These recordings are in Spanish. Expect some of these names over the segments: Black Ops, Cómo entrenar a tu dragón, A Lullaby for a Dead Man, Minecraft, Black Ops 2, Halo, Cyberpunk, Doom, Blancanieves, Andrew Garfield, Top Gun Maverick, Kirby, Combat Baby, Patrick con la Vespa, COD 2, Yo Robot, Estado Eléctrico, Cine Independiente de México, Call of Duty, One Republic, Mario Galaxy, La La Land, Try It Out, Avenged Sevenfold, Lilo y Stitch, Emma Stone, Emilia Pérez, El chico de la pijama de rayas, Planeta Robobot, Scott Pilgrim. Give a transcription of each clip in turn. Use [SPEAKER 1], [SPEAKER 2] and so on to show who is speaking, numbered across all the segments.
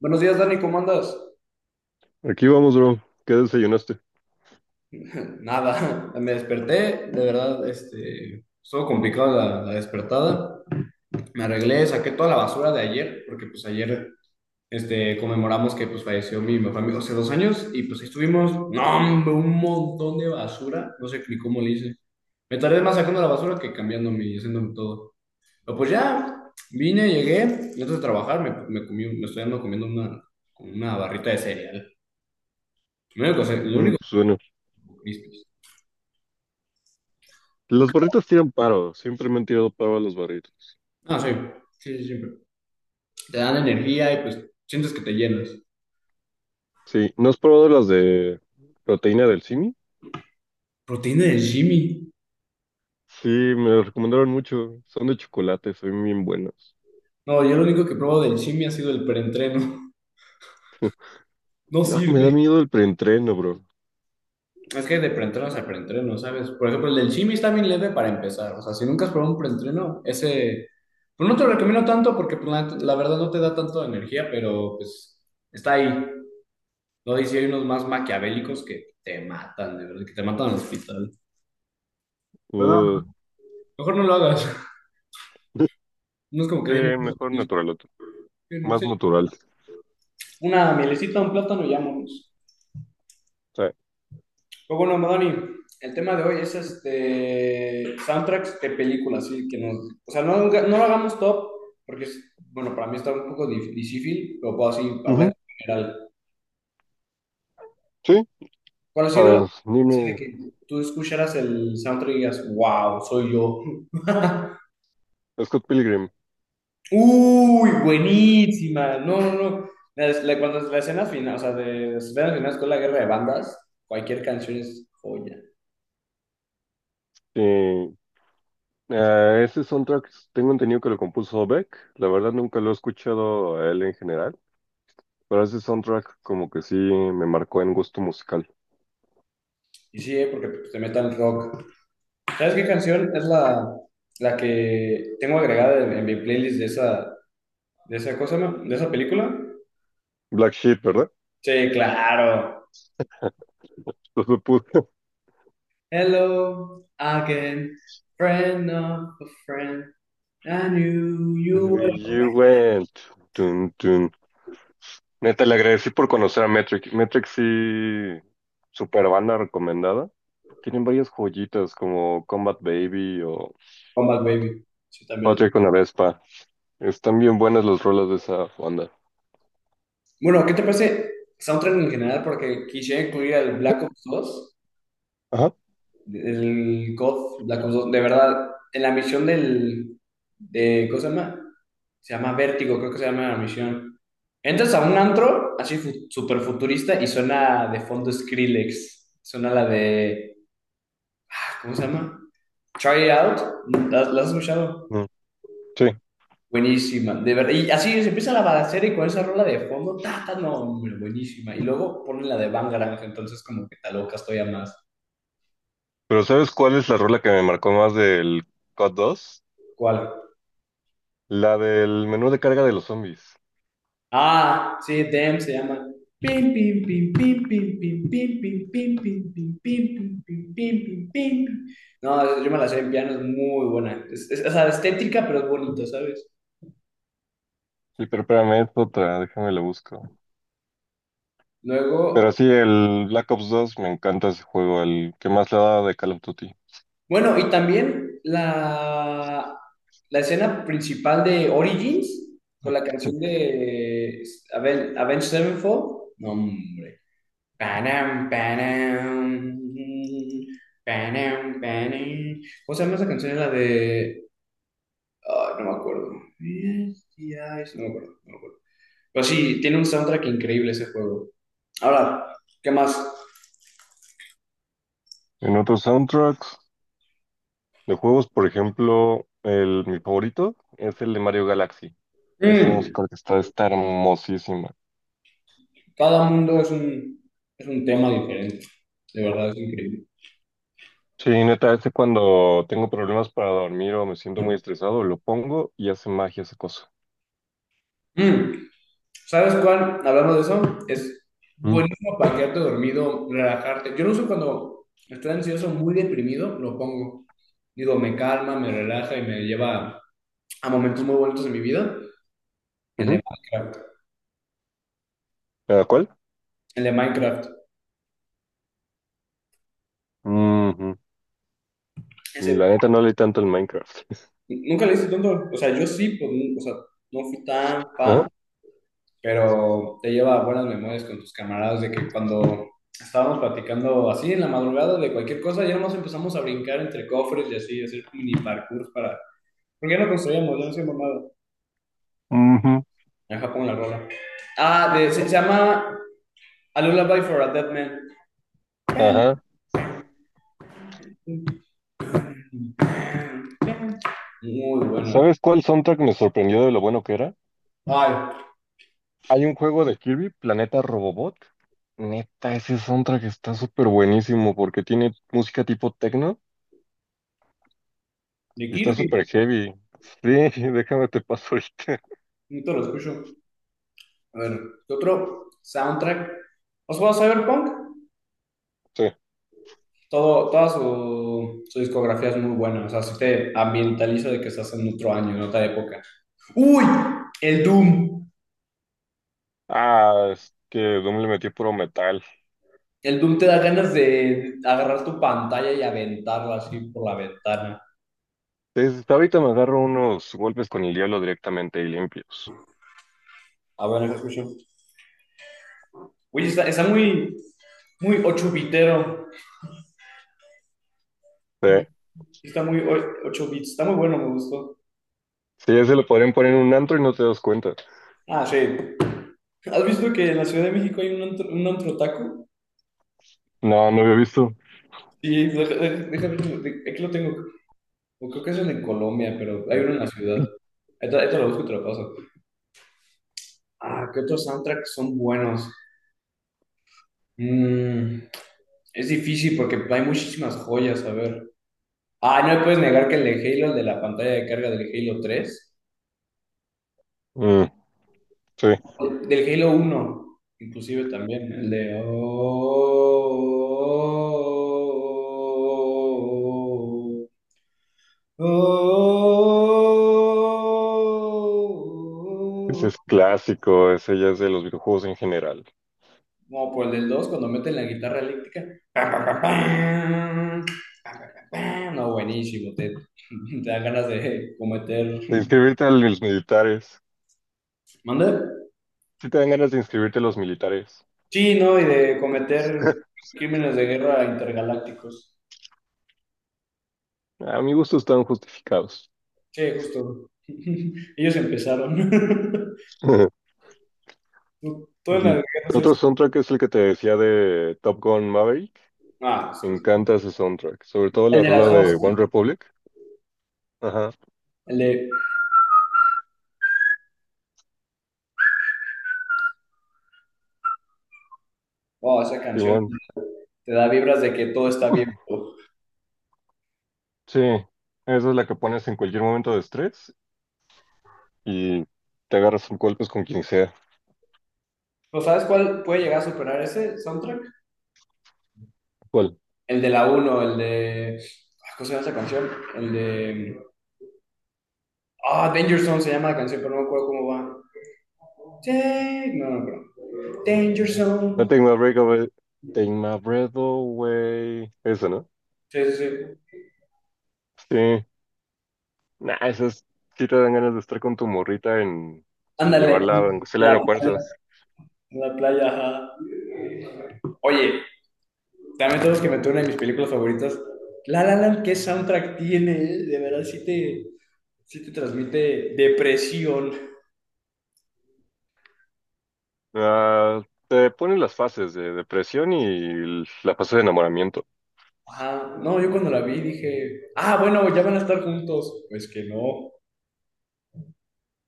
[SPEAKER 1] Buenos días, Dani, ¿cómo andas?
[SPEAKER 2] Aquí vamos, bro. ¿Qué desayunaste?
[SPEAKER 1] Nada, me desperté, de verdad, estuvo complicado la despertada. Me arreglé, saqué toda la basura de ayer, porque pues ayer, conmemoramos que pues falleció mi mejor amigo hace 2 años y pues ahí estuvimos, no, hombre, un montón de basura, no sé ni cómo le hice. Me tardé más sacando la basura que cambiándome y haciéndome todo. Pero pues ya, vine, llegué, y antes de trabajar me comí, me estoy andando comiendo como una barrita de cereal. Lo único, lo único
[SPEAKER 2] Pues
[SPEAKER 1] que
[SPEAKER 2] bueno,
[SPEAKER 1] comí, pues.
[SPEAKER 2] las barritas tiran paro. Siempre me han tirado paro a las barritas.
[SPEAKER 1] Ah, sí, sí, sí, siempre. Te dan energía y pues sientes que te llenas.
[SPEAKER 2] Sí, ¿no has probado las de proteína del simi?
[SPEAKER 1] Proteína del Jimmy.
[SPEAKER 2] Sí, me las recomendaron mucho. Son de chocolate, son bien buenas.
[SPEAKER 1] No, yo lo único que probo del Jimmy ha sido el preentreno. No
[SPEAKER 2] No, me da
[SPEAKER 1] sirve.
[SPEAKER 2] miedo el preentreno, bro.
[SPEAKER 1] Es que de preentrenos a preentreno, ¿sabes? Por ejemplo, el del Jimmy está bien leve para empezar. O sea, si nunca has probado un preentreno, ese. Pues no te lo recomiendo tanto porque pues, la verdad no te da tanto energía, pero pues está ahí. No dice, hay unos más maquiavélicos que te matan, de verdad, que te matan al hospital. Pero no,
[SPEAKER 2] Uh.
[SPEAKER 1] mejor no lo hagas. No es como que
[SPEAKER 2] Sí,
[SPEAKER 1] hay muchos.
[SPEAKER 2] mejor naturaloto. Más natural.
[SPEAKER 1] Una mielecita, un plátano y vámonos.
[SPEAKER 2] Sí.
[SPEAKER 1] Pues bueno, Madani, el tema de hoy es soundtracks de películas, sí, que nos, o sea, no, no lo hagamos top, porque es, bueno, para mí está un poco difícil, pero puedo así hablar
[SPEAKER 2] Ujú,
[SPEAKER 1] en general.
[SPEAKER 2] sí.
[SPEAKER 1] ¿Cuál ha
[SPEAKER 2] A
[SPEAKER 1] sido
[SPEAKER 2] ver,
[SPEAKER 1] así de
[SPEAKER 2] dime,
[SPEAKER 1] que tú escucharas el soundtrack y digas, wow, soy yo?
[SPEAKER 2] Scott Pilgrim.
[SPEAKER 1] Uy, buenísima. No, no, no. Cuando la escena final, o sea, de las escenas finales con la guerra de bandas, cualquier canción es joya.
[SPEAKER 2] Sí. Ah, ese soundtrack tengo entendido que lo compuso Beck. La verdad nunca lo he escuchado a él en general. Pero ese soundtrack como que sí me marcó en gusto musical.
[SPEAKER 1] Y sí, ¿eh? Porque pues, te metan rock. ¿Sabes qué canción es la que tengo agregada en mi playlist de esa cosa, no, de esa película?
[SPEAKER 2] Black Sheep, ¿verdad?
[SPEAKER 1] Sí, claro.
[SPEAKER 2] Entonces puse
[SPEAKER 1] Hello again, friend of a friend. I knew you were.
[SPEAKER 2] You went. Tun, tun. Neta, le agradecí por conocer a Metric. Metric sí, super banda recomendada. Tienen varias joyitas como Combat Baby o
[SPEAKER 1] Comeback Baby. Sí, también lo tengo.
[SPEAKER 2] Patrick con la Vespa. Están bien buenas las rolas de esa banda.
[SPEAKER 1] Bueno, ¿qué te parece soundtrack en general? Porque quisiera incluir al Black Ops 2.
[SPEAKER 2] Ajá.
[SPEAKER 1] El God, Black Ops 2, de verdad, en la misión de, ¿cómo se llama? Se llama Vértigo, creo que se llama la misión. Entras a un antro, así super futurista, y suena de fondo Skrillex. Suena la de, ¿cómo se llama? Try It Out, ¿la has escuchado?
[SPEAKER 2] Mm, sí.
[SPEAKER 1] Buenísima, de verdad. Y así se empieza la balacera y con esa rola de fondo, ta, ta, no, hombre, buenísima. Y luego ponen la de Bangarang, entonces como que te alocas todavía más.
[SPEAKER 2] Pero ¿sabes cuál es la rola que me marcó más del COD 2?
[SPEAKER 1] ¿Cuál?
[SPEAKER 2] La del menú de carga de los zombies.
[SPEAKER 1] Ah, sí, Dem se llama. Pim, pim, pim, pim, pim, pim, pim, pim, pim, pim, pim, pim, pim, pim, pim, pim, pim. No, yo me la sé en piano, es muy buena. O sea, estética, pero es bonito, ¿sabes?
[SPEAKER 2] Y pero espérame, es otra, déjame la busco. Pero
[SPEAKER 1] Luego,
[SPEAKER 2] sí, el Black Ops dos me encanta ese juego, el que más le da de Call of Duty.
[SPEAKER 1] bueno, y también la escena principal de Origins con la canción de Avenged Sevenfold. No, hombre. Panam, panam, panam, panam. ¿Cómo se llama esa canción? La de, no me acuerdo. Misty Eyes, no me acuerdo, no me acuerdo. Pero sí, tiene un soundtrack increíble ese juego. Ahora, ¿qué más?
[SPEAKER 2] En otros soundtracks de juegos, por ejemplo, mi favorito es el de Mario Galaxy. Esa
[SPEAKER 1] Mm,
[SPEAKER 2] música está hermosísima.
[SPEAKER 1] cada mundo es un tema diferente. De verdad, es increíble.
[SPEAKER 2] Sí, neta, ese cuando tengo problemas para dormir o me siento muy estresado, lo pongo y hace magia esa cosa.
[SPEAKER 1] Mm, ¿Sabes cuál? Hablamos de eso. Es
[SPEAKER 2] Mm.
[SPEAKER 1] buenísimo para quedarte dormido, relajarte. Yo lo uso cuando estoy ansioso, muy deprimido, lo pongo. Digo, me calma, me relaja y me lleva a momentos muy bonitos en mi vida. El de
[SPEAKER 2] Ujú.
[SPEAKER 1] Minecraft.
[SPEAKER 2] ¿Cada cuál?
[SPEAKER 1] El de Minecraft.
[SPEAKER 2] Ujú.
[SPEAKER 1] Ese-
[SPEAKER 2] La neta no leí tanto el Minecraft.
[SPEAKER 1] Nunca le hice tanto. O sea, yo sí, pues, o sea, no fui tan
[SPEAKER 2] Ajá.
[SPEAKER 1] fan, pero te lleva a buenas memorias con tus camaradas de que cuando estábamos platicando así en la madrugada de cualquier cosa, ya nos empezamos a brincar entre cofres y así, hacer mini parkour para. ¿Por qué no construimos? Yo no soy mamado.
[SPEAKER 2] Ujú.
[SPEAKER 1] Deja pongo la rola. Se llama A Lullaby for a Dead Man.
[SPEAKER 2] Ajá.
[SPEAKER 1] Muy bueno.
[SPEAKER 2] ¿Sabes cuál soundtrack me sorprendió de lo bueno que era?
[SPEAKER 1] Ay,
[SPEAKER 2] Hay un juego de Kirby, Planeta Robobot. Neta, ese soundtrack está súper buenísimo porque tiene música tipo techno
[SPEAKER 1] de
[SPEAKER 2] y está
[SPEAKER 1] Kirby.
[SPEAKER 2] súper heavy. Sí, déjame te paso ahorita.
[SPEAKER 1] Nunca lo escucho. A ver, ¿qué otro soundtrack? ¿Os juega Cyberpunk?
[SPEAKER 2] Sí.
[SPEAKER 1] Toda su discografía es muy buena. O sea, si te ambientaliza de que estás en otro año, en otra época. ¡Uy! El Doom.
[SPEAKER 2] Ah, es que Doom le metió puro metal.
[SPEAKER 1] El Doom te da ganas de agarrar tu pantalla y aventarla así por la ventana.
[SPEAKER 2] Desde ahorita me agarro unos golpes con el diablo directamente y limpios.
[SPEAKER 1] A ver, deja escucho. Oye, está muy, muy 8 bitero.
[SPEAKER 2] Sí,
[SPEAKER 1] Está muy 8 bits. Está muy bueno, me gustó.
[SPEAKER 2] sí, ese lo podrían poner en un antro y no te das cuenta.
[SPEAKER 1] Ah, sí. ¿Has visto que en la Ciudad de México hay un antro taco?
[SPEAKER 2] No, no había visto.
[SPEAKER 1] Sí, déjame, aquí lo tengo. O creo que es en Colombia, pero hay uno en la ciudad. Esto lo busco y te lo paso. Ah, ¿qué otros soundtracks son buenos? Mm, es difícil porque hay muchísimas joyas, a ver. Ah, no me puedes negar que el de Halo, el de la pantalla de carga del Halo tres,
[SPEAKER 2] Mm, sí,
[SPEAKER 1] del Halo uno, inclusive también, el de. Oh, oh, oh, oh,
[SPEAKER 2] ese es
[SPEAKER 1] oh.
[SPEAKER 2] clásico, ese ya es de los videojuegos en general.
[SPEAKER 1] No, pues el del 2 cuando meten la guitarra eléctrica. Pam, pam, pam, pam, pam, pam, pam. Pam. No, buenísimo, te, te dan ganas de cometer.
[SPEAKER 2] De inscribirte a los militares.
[SPEAKER 1] ¿Mande?
[SPEAKER 2] Si te dan ganas de inscribirte a los militares.
[SPEAKER 1] Sí, ¿no? Y de cometer crímenes de guerra intergalácticos.
[SPEAKER 2] A mi gusto están justificados.
[SPEAKER 1] Sí, justo. Ellos empezaron. Tú en
[SPEAKER 2] El
[SPEAKER 1] las guerras es.
[SPEAKER 2] otro soundtrack es el que te decía de Top Gun Maverick.
[SPEAKER 1] Ah, es
[SPEAKER 2] Me
[SPEAKER 1] que sí.
[SPEAKER 2] encanta ese soundtrack. Sobre todo
[SPEAKER 1] El
[SPEAKER 2] la
[SPEAKER 1] de
[SPEAKER 2] rola
[SPEAKER 1] las
[SPEAKER 2] de
[SPEAKER 1] dos,
[SPEAKER 2] One
[SPEAKER 1] ¿no?
[SPEAKER 2] Republic. Ajá,
[SPEAKER 1] El de. Oh, esa canción
[SPEAKER 2] simón.
[SPEAKER 1] te da vibras de que todo está bien.
[SPEAKER 2] Sí, esa es la que pones en cualquier momento de estrés y te agarras a golpes con quien sea.
[SPEAKER 1] ¿No sabes cuál puede llegar a superar ese soundtrack?
[SPEAKER 2] ¿Cuál?
[SPEAKER 1] El de la uno, el de, ¿cómo se llama esa canción? El de. Ah, Danger Zone se llama la canción, pero no me acuerdo cómo va. Sí, no, no, pero. Danger Zone.
[SPEAKER 2] No, Take My Breath Away. Take My Breath Away. Esa, ¿no?
[SPEAKER 1] Sí, sí, sí.
[SPEAKER 2] Sí. Nah, esas sí te dan ganas de estar con tu morrita en... y
[SPEAKER 1] Ándale.
[SPEAKER 2] llevarla, aunque sea al
[SPEAKER 1] La,
[SPEAKER 2] aeropuerto.
[SPEAKER 1] Una playa, ajá. Oye, también todos que meter una de mis películas favoritas. La La Land, ¿qué soundtrack tiene, eh? De verdad, sí te transmite depresión.
[SPEAKER 2] Ah, te ponen las fases de depresión y la fase de enamoramiento.
[SPEAKER 1] Ajá. No, yo cuando la vi dije, ah, bueno, ya van a estar juntos. Pues que no.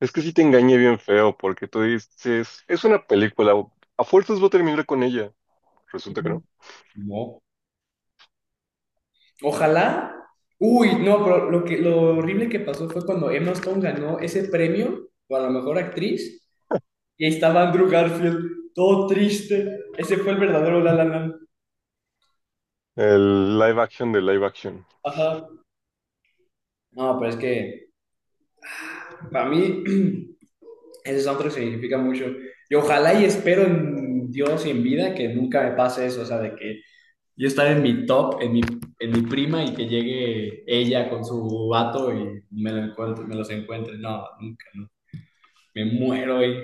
[SPEAKER 2] Es que sí te engañé bien feo porque tú dices, es una película, a fuerzas voy a terminar con ella. Resulta que
[SPEAKER 1] Ujú.
[SPEAKER 2] no.
[SPEAKER 1] No. Ojalá. Uy, no, pero lo horrible que pasó fue cuando Emma Stone ganó ese premio para la mejor actriz y ahí estaba Andrew Garfield, todo triste. Ese fue el verdadero La La Land.
[SPEAKER 2] El live action de live action.
[SPEAKER 1] Ajá. No, pero es que para mí ese soundtrack significa mucho. Y ojalá y espero en Dios y en vida que nunca me pase eso, o sea, de que yo estar en mi top, en mi prima y que llegue ella con su vato y lo encuentre, me los encuentre. No, nunca, no. Me muero y.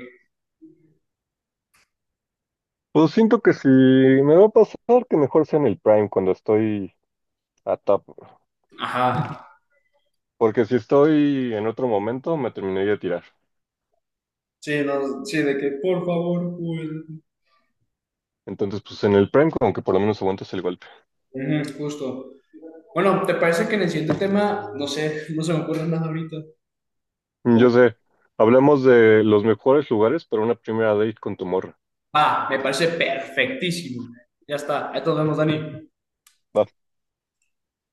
[SPEAKER 2] Pues siento que si me va a pasar, que mejor sea en el Prime cuando estoy a top.
[SPEAKER 1] Ajá.
[SPEAKER 2] Porque si estoy en otro momento, me terminaría de tirar.
[SPEAKER 1] Sí, no, sí, de que por favor, Joel.
[SPEAKER 2] Entonces, pues en el Prime, como que por lo menos aguantas el golpe.
[SPEAKER 1] Ujú. Justo. Bueno, ¿te parece que en el siguiente tema, no sé, no se me ocurre nada ahorita? Como
[SPEAKER 2] Yo sé, hablamos de los mejores lugares para una primera date con tu morra.
[SPEAKER 1] Va, me parece perfectísimo. Ya está. Ahí nos vemos, Dani.